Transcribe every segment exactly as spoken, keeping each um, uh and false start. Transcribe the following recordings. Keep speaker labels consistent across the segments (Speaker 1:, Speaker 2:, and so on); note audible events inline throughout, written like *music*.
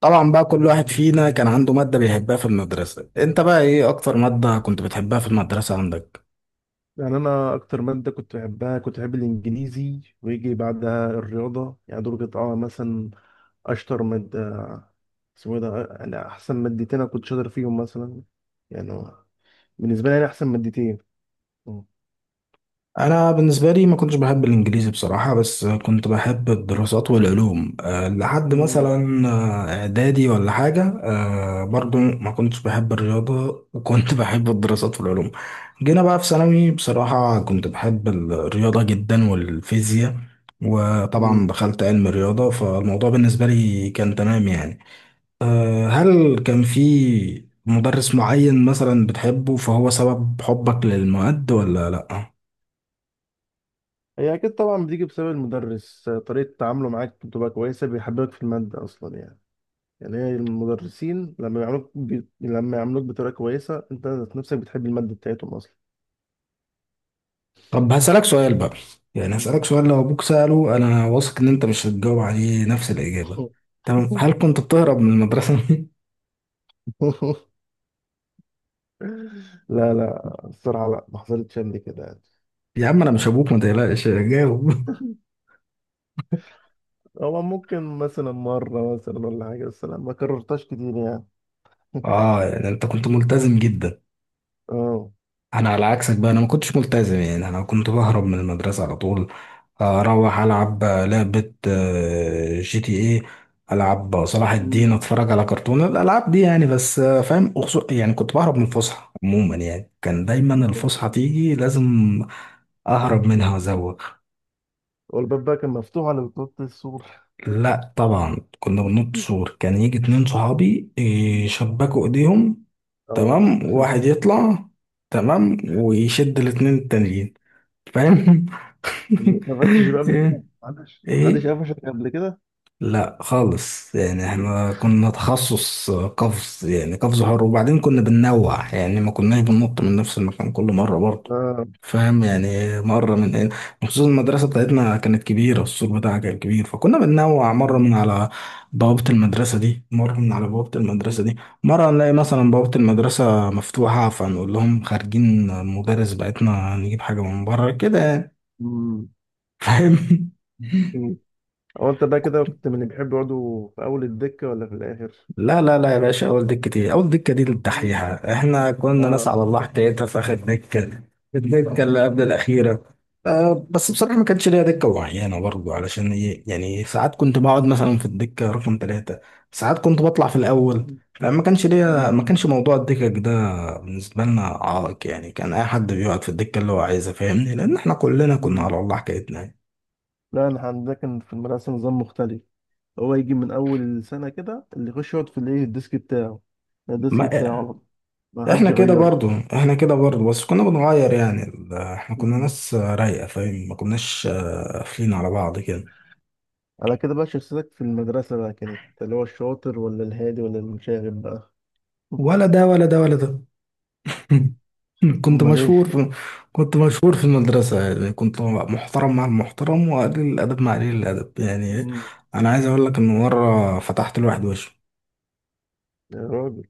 Speaker 1: طبعا بقى، كل واحد فينا كان عنده مادة بيحبها في المدرسة. انت بقى ايه اكتر مادة كنت بتحبها في المدرسة عندك؟
Speaker 2: يعني انا اكتر ماده كنت بحبها كنت بحب الانجليزي، ويجي بعدها الرياضه. يعني دول كانت اه مثلا اشطر ماده. اسمه إيه ده، يعني احسن مادتين انا كنت شاطر فيهم مثلا. يعني بالنسبه لي، يعني احسن مادتين. مم.
Speaker 1: انا بالنسبة لي ما كنتش بحب الانجليزي بصراحة، بس كنت بحب الدراسات والعلوم أه لحد
Speaker 2: امم.
Speaker 1: مثلا آه، اعدادي ولا حاجة أه برضو، ما كنتش بحب الرياضة وكنت *laughs* بحب الدراسات والعلوم. جينا بقى في ثانوي، بصراحة كنت بحب الرياضة جدا والفيزياء. وطبعا دخلت علم الرياضة، فالموضوع بالنسبة لي كان تمام يعني. آه، هل كان في مدرس معين مثلا بتحبه فهو سبب حبك للمواد ولا لا؟
Speaker 2: هي اكيد طبعا بتيجي بسبب المدرس، طريقه تعامله معاك بتبقى كويسه، بيحببك في الماده اصلا يعني. يعني هي المدرسين لما يعاملوك ب... لما يعاملوك بطريقه كويسه، انت ذات نفسك بتحب الماده بتاعتهم اصلا.
Speaker 1: طب هسألك سؤال بقى. يعني
Speaker 2: مم.
Speaker 1: هسألك سؤال، لو ابوك سأله انا واثق ان انت مش هتجاوب عليه نفس الإجابة. تمام. هل كنت بتهرب من المدرسة؟ *laughs*
Speaker 2: *laughs* لا لا الصراحة لا، ما حصلتش قبل كده يعني.
Speaker 1: يا عم انا مش ابوك، ما تقلقش، جاوب. *laughs*
Speaker 2: هو ممكن مثلا مرة مثلا ولا حاجة، بس لا، ما كررتهاش كتير يعني. *laughs*
Speaker 1: اه، يعني انت كنت ملتزم جدا.
Speaker 2: اه.
Speaker 1: انا على عكسك بقى، انا ما كنتش ملتزم، يعني انا كنت بهرب من المدرسه على طول. اروح العب لعبه آه، جي تي ايه. العب صلاح الدين،
Speaker 2: مم.
Speaker 1: اتفرج على كرتون، الالعاب دي يعني. بس آه، فاهم أخصو، يعني كنت بهرب من الفسحه عموما، يعني كان دايما الفسحه
Speaker 2: مم.
Speaker 1: تيجي لازم اهرب منها وازوغ.
Speaker 2: والباب بقى كان مفتوح على بطاقة السور.
Speaker 1: لا طبعا، كنا بننط سور، كان يجي اتنين صحابي
Speaker 2: مم.
Speaker 1: يشبكوا ايديهم.
Speaker 2: اه
Speaker 1: تمام،
Speaker 2: *laughs*
Speaker 1: واحد يطلع. تمام، ويشد الاتنين التانيين. فاهم؟
Speaker 2: ما اتقفلتش
Speaker 1: *laughs* *laughs*
Speaker 2: بقى قبل كده؟
Speaker 1: ايه.
Speaker 2: ما عندش ما عندش
Speaker 1: ايه.
Speaker 2: قفشك قبل كده؟
Speaker 1: لا خالص، يعني
Speaker 2: مم.
Speaker 1: احنا كنا تخصص قفز، يعني قفز حر، وبعدين كنا بننوع يعني، ما كناش بننط من نفس المكان كل مرة برضه.
Speaker 2: اه *laughs*
Speaker 1: فاهم؟ يعني مرة من هنا، وخصوصا المدرسة
Speaker 2: مم.
Speaker 1: بتاعتنا كانت كبيرة، السور بتاعها كان كبير، فكنا بننوع مرة
Speaker 2: مم.
Speaker 1: من على بوابة المدرسة دي، مرة من على بوابة المدرسة دي. مرة نلاقي مثلا بوابة المدرسة مفتوحة، فنقول لهم خارجين المدرس بتاعتنا نجيب حاجة من بره كده يعني.
Speaker 2: مم.
Speaker 1: فاهم؟
Speaker 2: أمم. هو انت بقى كده
Speaker 1: *laughs*
Speaker 2: كنت من اللي بيحب يقعدوا في اول الدكة ولا في الاخر؟
Speaker 1: لا لا لا يا باشا، اول دكه ايه، اول دكه دي
Speaker 2: مم.
Speaker 1: للدحيحه. احنا كنا ناس
Speaker 2: آه.
Speaker 1: على الله حكايتها، في اخر دكه. الدكه اللي قبل الاخيره. أه بس بصراحه ما كانش ليا دكه معينه برضه، علشان ايه يعني، ساعات كنت بقعد مثلا في الدكه رقم ثلاثه. ساعات كنت بطلع في الاول.
Speaker 2: *laughs*
Speaker 1: فما كانش ليا، ما
Speaker 2: مم.
Speaker 1: كانش موضوع الدكك ده بالنسبه لنا عائق يعني، كان اي حد بيقعد في الدكه اللي هو عايزها، فاهمني؟ لان احنا كلنا كنا على
Speaker 2: مم.
Speaker 1: الله حكايتنا.
Speaker 2: لا، انا عندنا كان في المدرسه نظام مختلف. هو يجي من اول السنه كده، اللي يخش يقعد في الايه الديسك بتاعه. الديسك
Speaker 1: ما
Speaker 2: بتاعه على طول، ما حدش
Speaker 1: احنا كده
Speaker 2: يغيره.
Speaker 1: برضو. احنا كده
Speaker 2: مم.
Speaker 1: برضو، بس كنا بنغير يعني ال- احنا كنا
Speaker 2: مم.
Speaker 1: ناس رايقة، فاهم؟ ما كناش آه، قافلين على بعض كده.
Speaker 2: على كده بقى شخصيتك في المدرسه بقى كانت اللي هو الشاطر، ولا الهادي، ولا المشاغب بقى؟ *laughs*
Speaker 1: ولا ده، ولا ده، ولا ده.
Speaker 2: مم.
Speaker 1: *laughs* كنت
Speaker 2: امال
Speaker 1: مشهور
Speaker 2: ايه.
Speaker 1: في كنت مشهور في المدرسة، يعني كنت محترم مع المحترم وقليل الأدب مع قليل الأدب يعني، إيه؟
Speaker 2: مم. *laughs*
Speaker 1: أنا عايز أقول لك إن مرة فتحت لواحد وشه.
Speaker 2: يا راجل.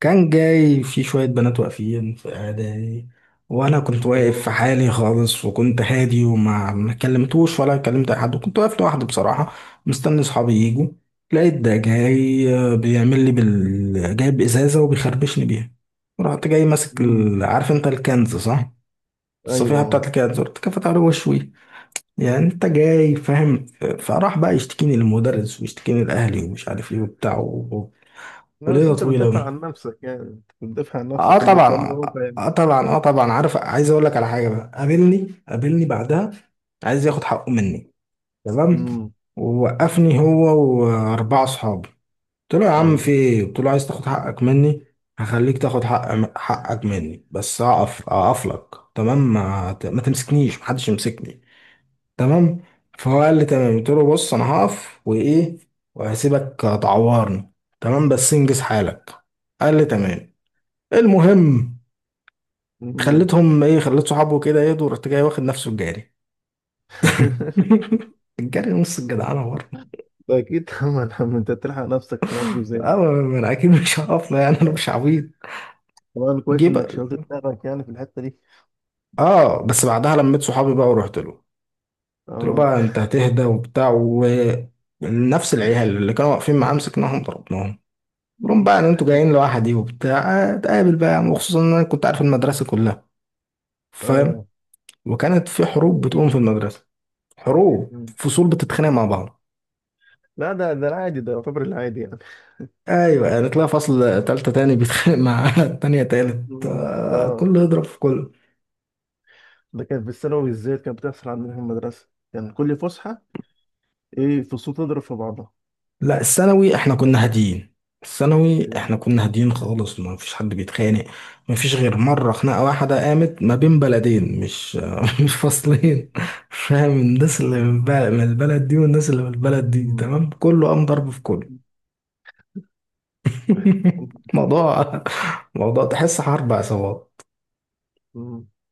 Speaker 1: كان جاي في شوية بنات واقفين في قعدة يعني. وأنا كنت واقف في
Speaker 2: آه.
Speaker 1: حالي خالص وكنت هادي وما ما كلمتوش ولا كلمت أي حد، وكنت واقف لوحدي بصراحة. مستني صحابي يجوا. لقيت ده جاي آه، بيعمل لي بال... جايب إزازة وبيخربشني بيها. رحت جاي ماسك
Speaker 2: مم.
Speaker 1: ال... عارف أنت الكنز صح؟ الصفيحة
Speaker 2: ايوه.
Speaker 1: بتاعت الكنز، رحت كفت على وشوي. يعني أنت جاي، فاهم؟ فراح بقى يشتكيني للمدرس ويشتكيني لأهلي ومش عارف إيه وبتاع و...
Speaker 2: لا بس
Speaker 1: وليلة
Speaker 2: انت بتدافع
Speaker 1: طويلة.
Speaker 2: عن نفسك، يعني انت بتدافع عن
Speaker 1: اه
Speaker 2: نفسك ومرفع
Speaker 1: طبعا.
Speaker 2: مرفع يعني.
Speaker 1: اه طبعا، اه طبعا. عارف، عايز اقول لك على حاجه بقى، قابلني قابلني بعدها. عايز ياخد حقه مني. تمام.
Speaker 2: امم.
Speaker 1: ووقفني هو. واربعه اصحابي. قلت له يا عم في
Speaker 2: ايوه.
Speaker 1: ايه، قلت له عايز تاخد حقك مني. هخليك تاخد حق حقك مني، بس اقف اقف لك تمام، ما, ما تمسكنيش محدش يمسكني. تمام. فهو قال لي تمام، قلت له بص انا هقف وايه، وهسيبك تعورني. تمام، بس انجز حالك. قال لي تمام. المهم،
Speaker 2: امم.
Speaker 1: خليتهم ايه خليت صحابه كده يهدوا، ورحت جاي واخد نفسه الجاري.
Speaker 2: *laughs*
Speaker 1: *laughs* الجاري نص الجدعانه برضه.
Speaker 2: ده اكيد طبعا *laughs* عم انت تلحق نفسك في موقف زي
Speaker 1: اه،
Speaker 2: ده.
Speaker 1: ما انا اكيد مش هقف له يعني، انا مش عبيط.
Speaker 2: طبعا
Speaker 1: جه
Speaker 2: كويس انك
Speaker 1: بقى.
Speaker 2: شغلت دماغك يعني في الحته دي.
Speaker 1: اه، بس بعدها لميت صحابي بقى، ورحت له قلت له
Speaker 2: اه.
Speaker 1: بقى انت هتهدى وبتاع. ونفس العيال اللي كانوا واقفين معاه مسكناهم ضربناهم. قلت لهم
Speaker 2: مم.
Speaker 1: بقى ان انتوا جايين لوحدي وبتاع. آه، اتقابل بقى يا عم، وخصوصا ان انا كنت عارف المدرسه كلها.
Speaker 2: *laughs*
Speaker 1: فاهم؟
Speaker 2: اه.
Speaker 1: وكانت في حروب
Speaker 2: أيوة.
Speaker 1: بتقوم في المدرسه. حروب،
Speaker 2: مم.
Speaker 1: فصول بتتخانق مع بعض.
Speaker 2: لا ده ده العادي، ده يعتبر العادي يعني.
Speaker 1: ايوه، يعني تلاقي فصل تالتة تاني بيتخانق مع *laughs* تانية تالت،
Speaker 2: مم.
Speaker 1: آه،
Speaker 2: اه.
Speaker 1: كله يضرب في كله.
Speaker 2: ده كان في الثانوي بالذات كانت بتحصل عندنا في المدرسه، كان كل فسحه ايه، فصول تضرب في بعضها.
Speaker 1: لا الثانوي
Speaker 2: مش.
Speaker 1: احنا كنا هاديين. الثانوي احنا
Speaker 2: مم.
Speaker 1: كنا هاديين خالص، ما فيش حد بيتخانق. ما فيش غير مرة خناقة واحدة قامت ما بين بلدين، مش *laughs* مش فصلين. فاهم؟ الناس اللي من بل- من البلد دي والناس اللي من البلد دي، تمام كله قام ضرب في كله. *laughs* موضوع موضوع تحس حرب عصابات.
Speaker 2: مم. *laughs*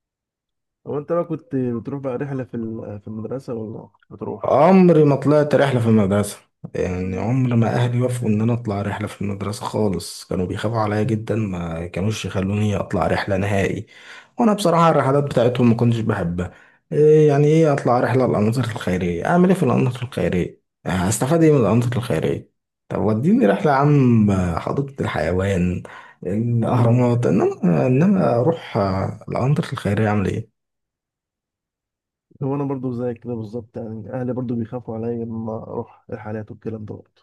Speaker 2: هو انت بقى كنت بتروح بقى رحله في ال- في المدرسه ولا بتروح؟
Speaker 1: عمري ما طلعت رحلة في المدرسة. يعني
Speaker 2: مم.
Speaker 1: عمر ما أهلي وافقوا إن أنا أطلع رحلة في المدرسة خالص، كانوا بيخافوا عليا جدا، ما كانوش يخلوني أطلع رحلة نهائي. وأنا بصراحة الرحلات بتاعتهم ما كنتش بحبها. إيه يعني، إيه أطلع رحلة الأنشطة الخيرية، أعمل إيه في الأنشطة الخيرية؟ هستفاد إيه من الأنشطة الخيرية؟ طب وديني رحلة يا عم، حديقة الحيوان،
Speaker 2: مم.
Speaker 1: الأهرامات، إنما إنما أروح آه، الأنشطة الخيرية أعمل إيه؟
Speaker 2: هو انا برضو زيك كده بالظبط يعني، اهلي برضو بيخافوا عليا لما اروح رحلات والكلام ده برضو.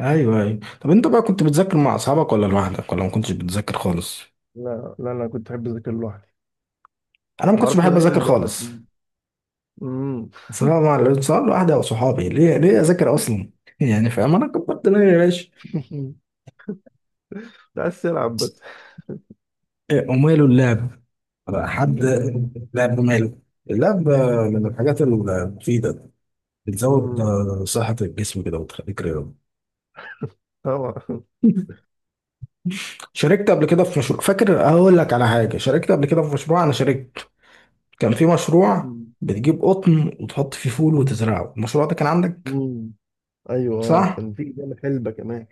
Speaker 1: ايوه، ايوه. طب انت بقى كنت بتذاكر مع اصحابك ولا لوحدك ولا ما كنتش بتذاكر خالص؟
Speaker 2: لا لا، أنا كنت أحب أذاكر لوحدي.
Speaker 1: انا ما
Speaker 2: ما
Speaker 1: كنتش
Speaker 2: أعرفش
Speaker 1: بحب
Speaker 2: أذاكر غير
Speaker 1: اذاكر خالص.
Speaker 2: لوحدي. امم.
Speaker 1: سواء مع ال- سواء لوحدي او صحابي، ليه ليه اذاكر اصلا؟ *laughs* يعني فاهم، انا كبرت دماغي يا باشا.
Speaker 2: *laughs* بس ألعب بس.
Speaker 1: إيه، وماله اللعب. حد،
Speaker 2: *laughs*
Speaker 1: لعب ماله. اللعب آه، من الحاجات المفيدة. بتزود
Speaker 2: امم.
Speaker 1: آه، صحة الجسم كده وتخليك رياضي.
Speaker 2: طبعا.
Speaker 1: *laughs* شاركت قبل كده في مشروع، فاكر اقول لك على حاجة، شاركت قبل كده في مشروع، انا شاركت. كان في مشروع بتجيب قطن وتحط فيه فول وتزرعه، المشروع ده كان عندك؟
Speaker 2: امم. ايوه اه،
Speaker 1: صح؟
Speaker 2: كان في جنب حلبه كمان.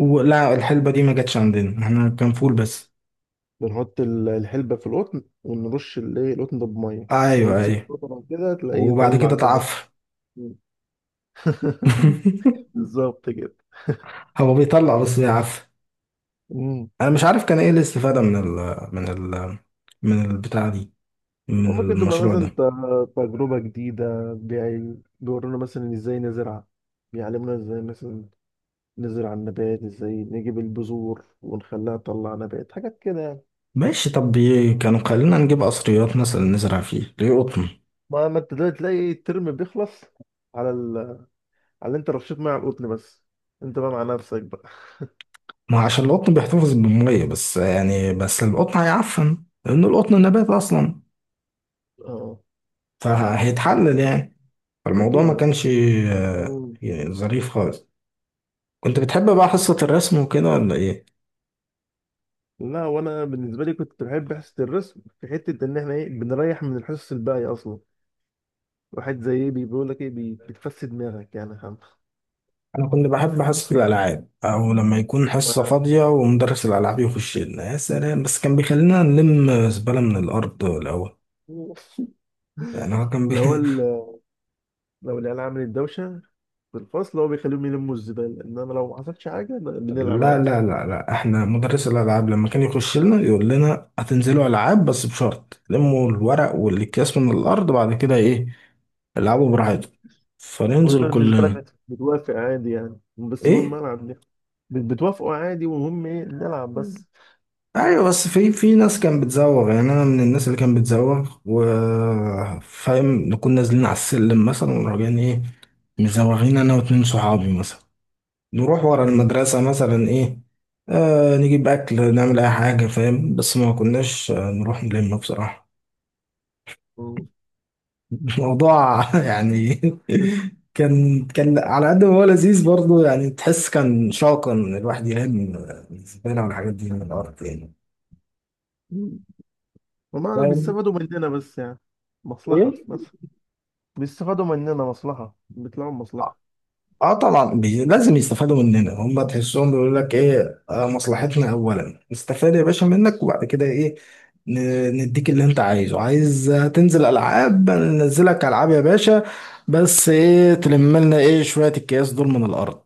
Speaker 1: ولا الحلبة دي ما جاتش عندنا، احنا كان فول بس.
Speaker 2: بنحط ال- الحلبه في القطن، ونرش الايه القطن ده بميه،
Speaker 1: ايوه،
Speaker 2: ونسيب
Speaker 1: ايوه.
Speaker 2: قطن كده تلاقيه
Speaker 1: وبعد
Speaker 2: يطلع
Speaker 1: كده
Speaker 2: كده.
Speaker 1: تعفن.
Speaker 2: مم. *laughs*
Speaker 1: *laughs*
Speaker 2: بالظبط كده.
Speaker 1: هو بيطلع بس بيعفن. انا مش عارف كان ايه الاستفادة من ال من ال من البتاع دي، من
Speaker 2: وممكن تبقى
Speaker 1: المشروع
Speaker 2: مثلا
Speaker 1: ده.
Speaker 2: ت- تجربة جديدة. بيورونا مثلا ازاي نزرع، بيعلمونا ازاي مثلا نزرع النبات، ازاي نجيب البذور ونخليها تطلع نبات، حاجات كده يعني.
Speaker 1: ماشي طب، بي- كانوا خلينا نجيب قصريات مثلا نزرع فيه ليه قطن؟
Speaker 2: ما ما انت دلوقتي تلاقي الترم بيخلص على ال... على اللي انت رشيت ميه على القطن بس. انت بقى مع نفسك بقى.
Speaker 1: ما هو عشان القطن بيحتفظ بالمية بس يعني، بس القطن هيعفن لأن القطن نبات أصلا،
Speaker 2: اه
Speaker 1: فهيتحلل يعني. فالموضوع
Speaker 2: اكيد
Speaker 1: ما
Speaker 2: اه.
Speaker 1: كانش آه،
Speaker 2: مم.
Speaker 1: يعني ظريف خالص. كنت بتحب بقى حصة الرسم وكده ولا ايه؟
Speaker 2: لا وانا بالنسبه لي كنت بحب حصه الرسم في حته ان احنا ايه بنريح من الحصص الباقيه اصلا. واحد زي ايه بيقول لك ايه، بي- بتفسد دماغك يعني يا عم.
Speaker 1: انا كنت بحب حصة الالعاب، او لما يكون
Speaker 2: ما
Speaker 1: حصة فاضية ومدرس الالعاب يخش لنا يا سلام، بس كان بيخلينا نلم زبالة من الارض الاول.
Speaker 2: *laughs*
Speaker 1: يعني هو كان بي...
Speaker 2: لو
Speaker 1: *laughs*
Speaker 2: ال... لو العيال عملت دوشة في الفصل، هو بيخليهم يلموا الزبالة، إنما لو ما حصلش حاجة لا، بنلعب
Speaker 1: لا،
Speaker 2: عادي.
Speaker 1: لا، لا، لا، احنا مدرس الالعاب لما كان يخش لنا يقول لنا هتنزلوا العاب بس بشرط لموا الورق
Speaker 2: مم.
Speaker 1: والاكياس من الارض، بعد كده ايه، العبوا براحتكم.
Speaker 2: وأنت
Speaker 1: فننزل
Speaker 2: بالنسبة لك
Speaker 1: كلنا.
Speaker 2: بت- بتوافق عادي يعني، بس المهم
Speaker 1: ايه.
Speaker 2: ألعب ده. بت- بتوافقوا عادي، ومهم إيه نلعب بس. مم.
Speaker 1: ايوه، بس في في ناس كان بتزوغ يعني، انا من الناس اللي كان بتزوغ، وفاهم نكون نازلين على السلم مثلا وراجعين، ايه، مزوغين انا واتنين صحابي مثلا. نروح ورا
Speaker 2: *laughs*
Speaker 1: المدرسة مثلا، ايه، آه نجيب اكل نعمل اي حاجة، فاهم، بس ما كناش آه، نروح نلم بصراحة.
Speaker 2: مم.
Speaker 1: *laughs* الموضوع يعني. *laughs* كان كان على قد ما هو لذيذ برضه يعني، تحس كان شاقا ان الواحد يلم الزبالة والحاجات دي من الارض يعني.
Speaker 2: مم. هما
Speaker 1: فاهم؟
Speaker 2: بيستفادوا مننا بس يعني، مصلحة بس. بيستفادوا مننا مصلحة، بيطلعوا مصلحة.
Speaker 1: اه طبعا، بي... لازم يستفادوا مننا هم، تحسهم بيقول لك ايه، آه مصلحتنا اولا نستفاد يا باشا منك، وبعد كده ايه، ن... نديك اللي انت عايزه، عايز آه، تنزل العاب ننزلك العاب يا باشا. بس ايه، تلم لنا ايه شويه الكياس دول من الارض.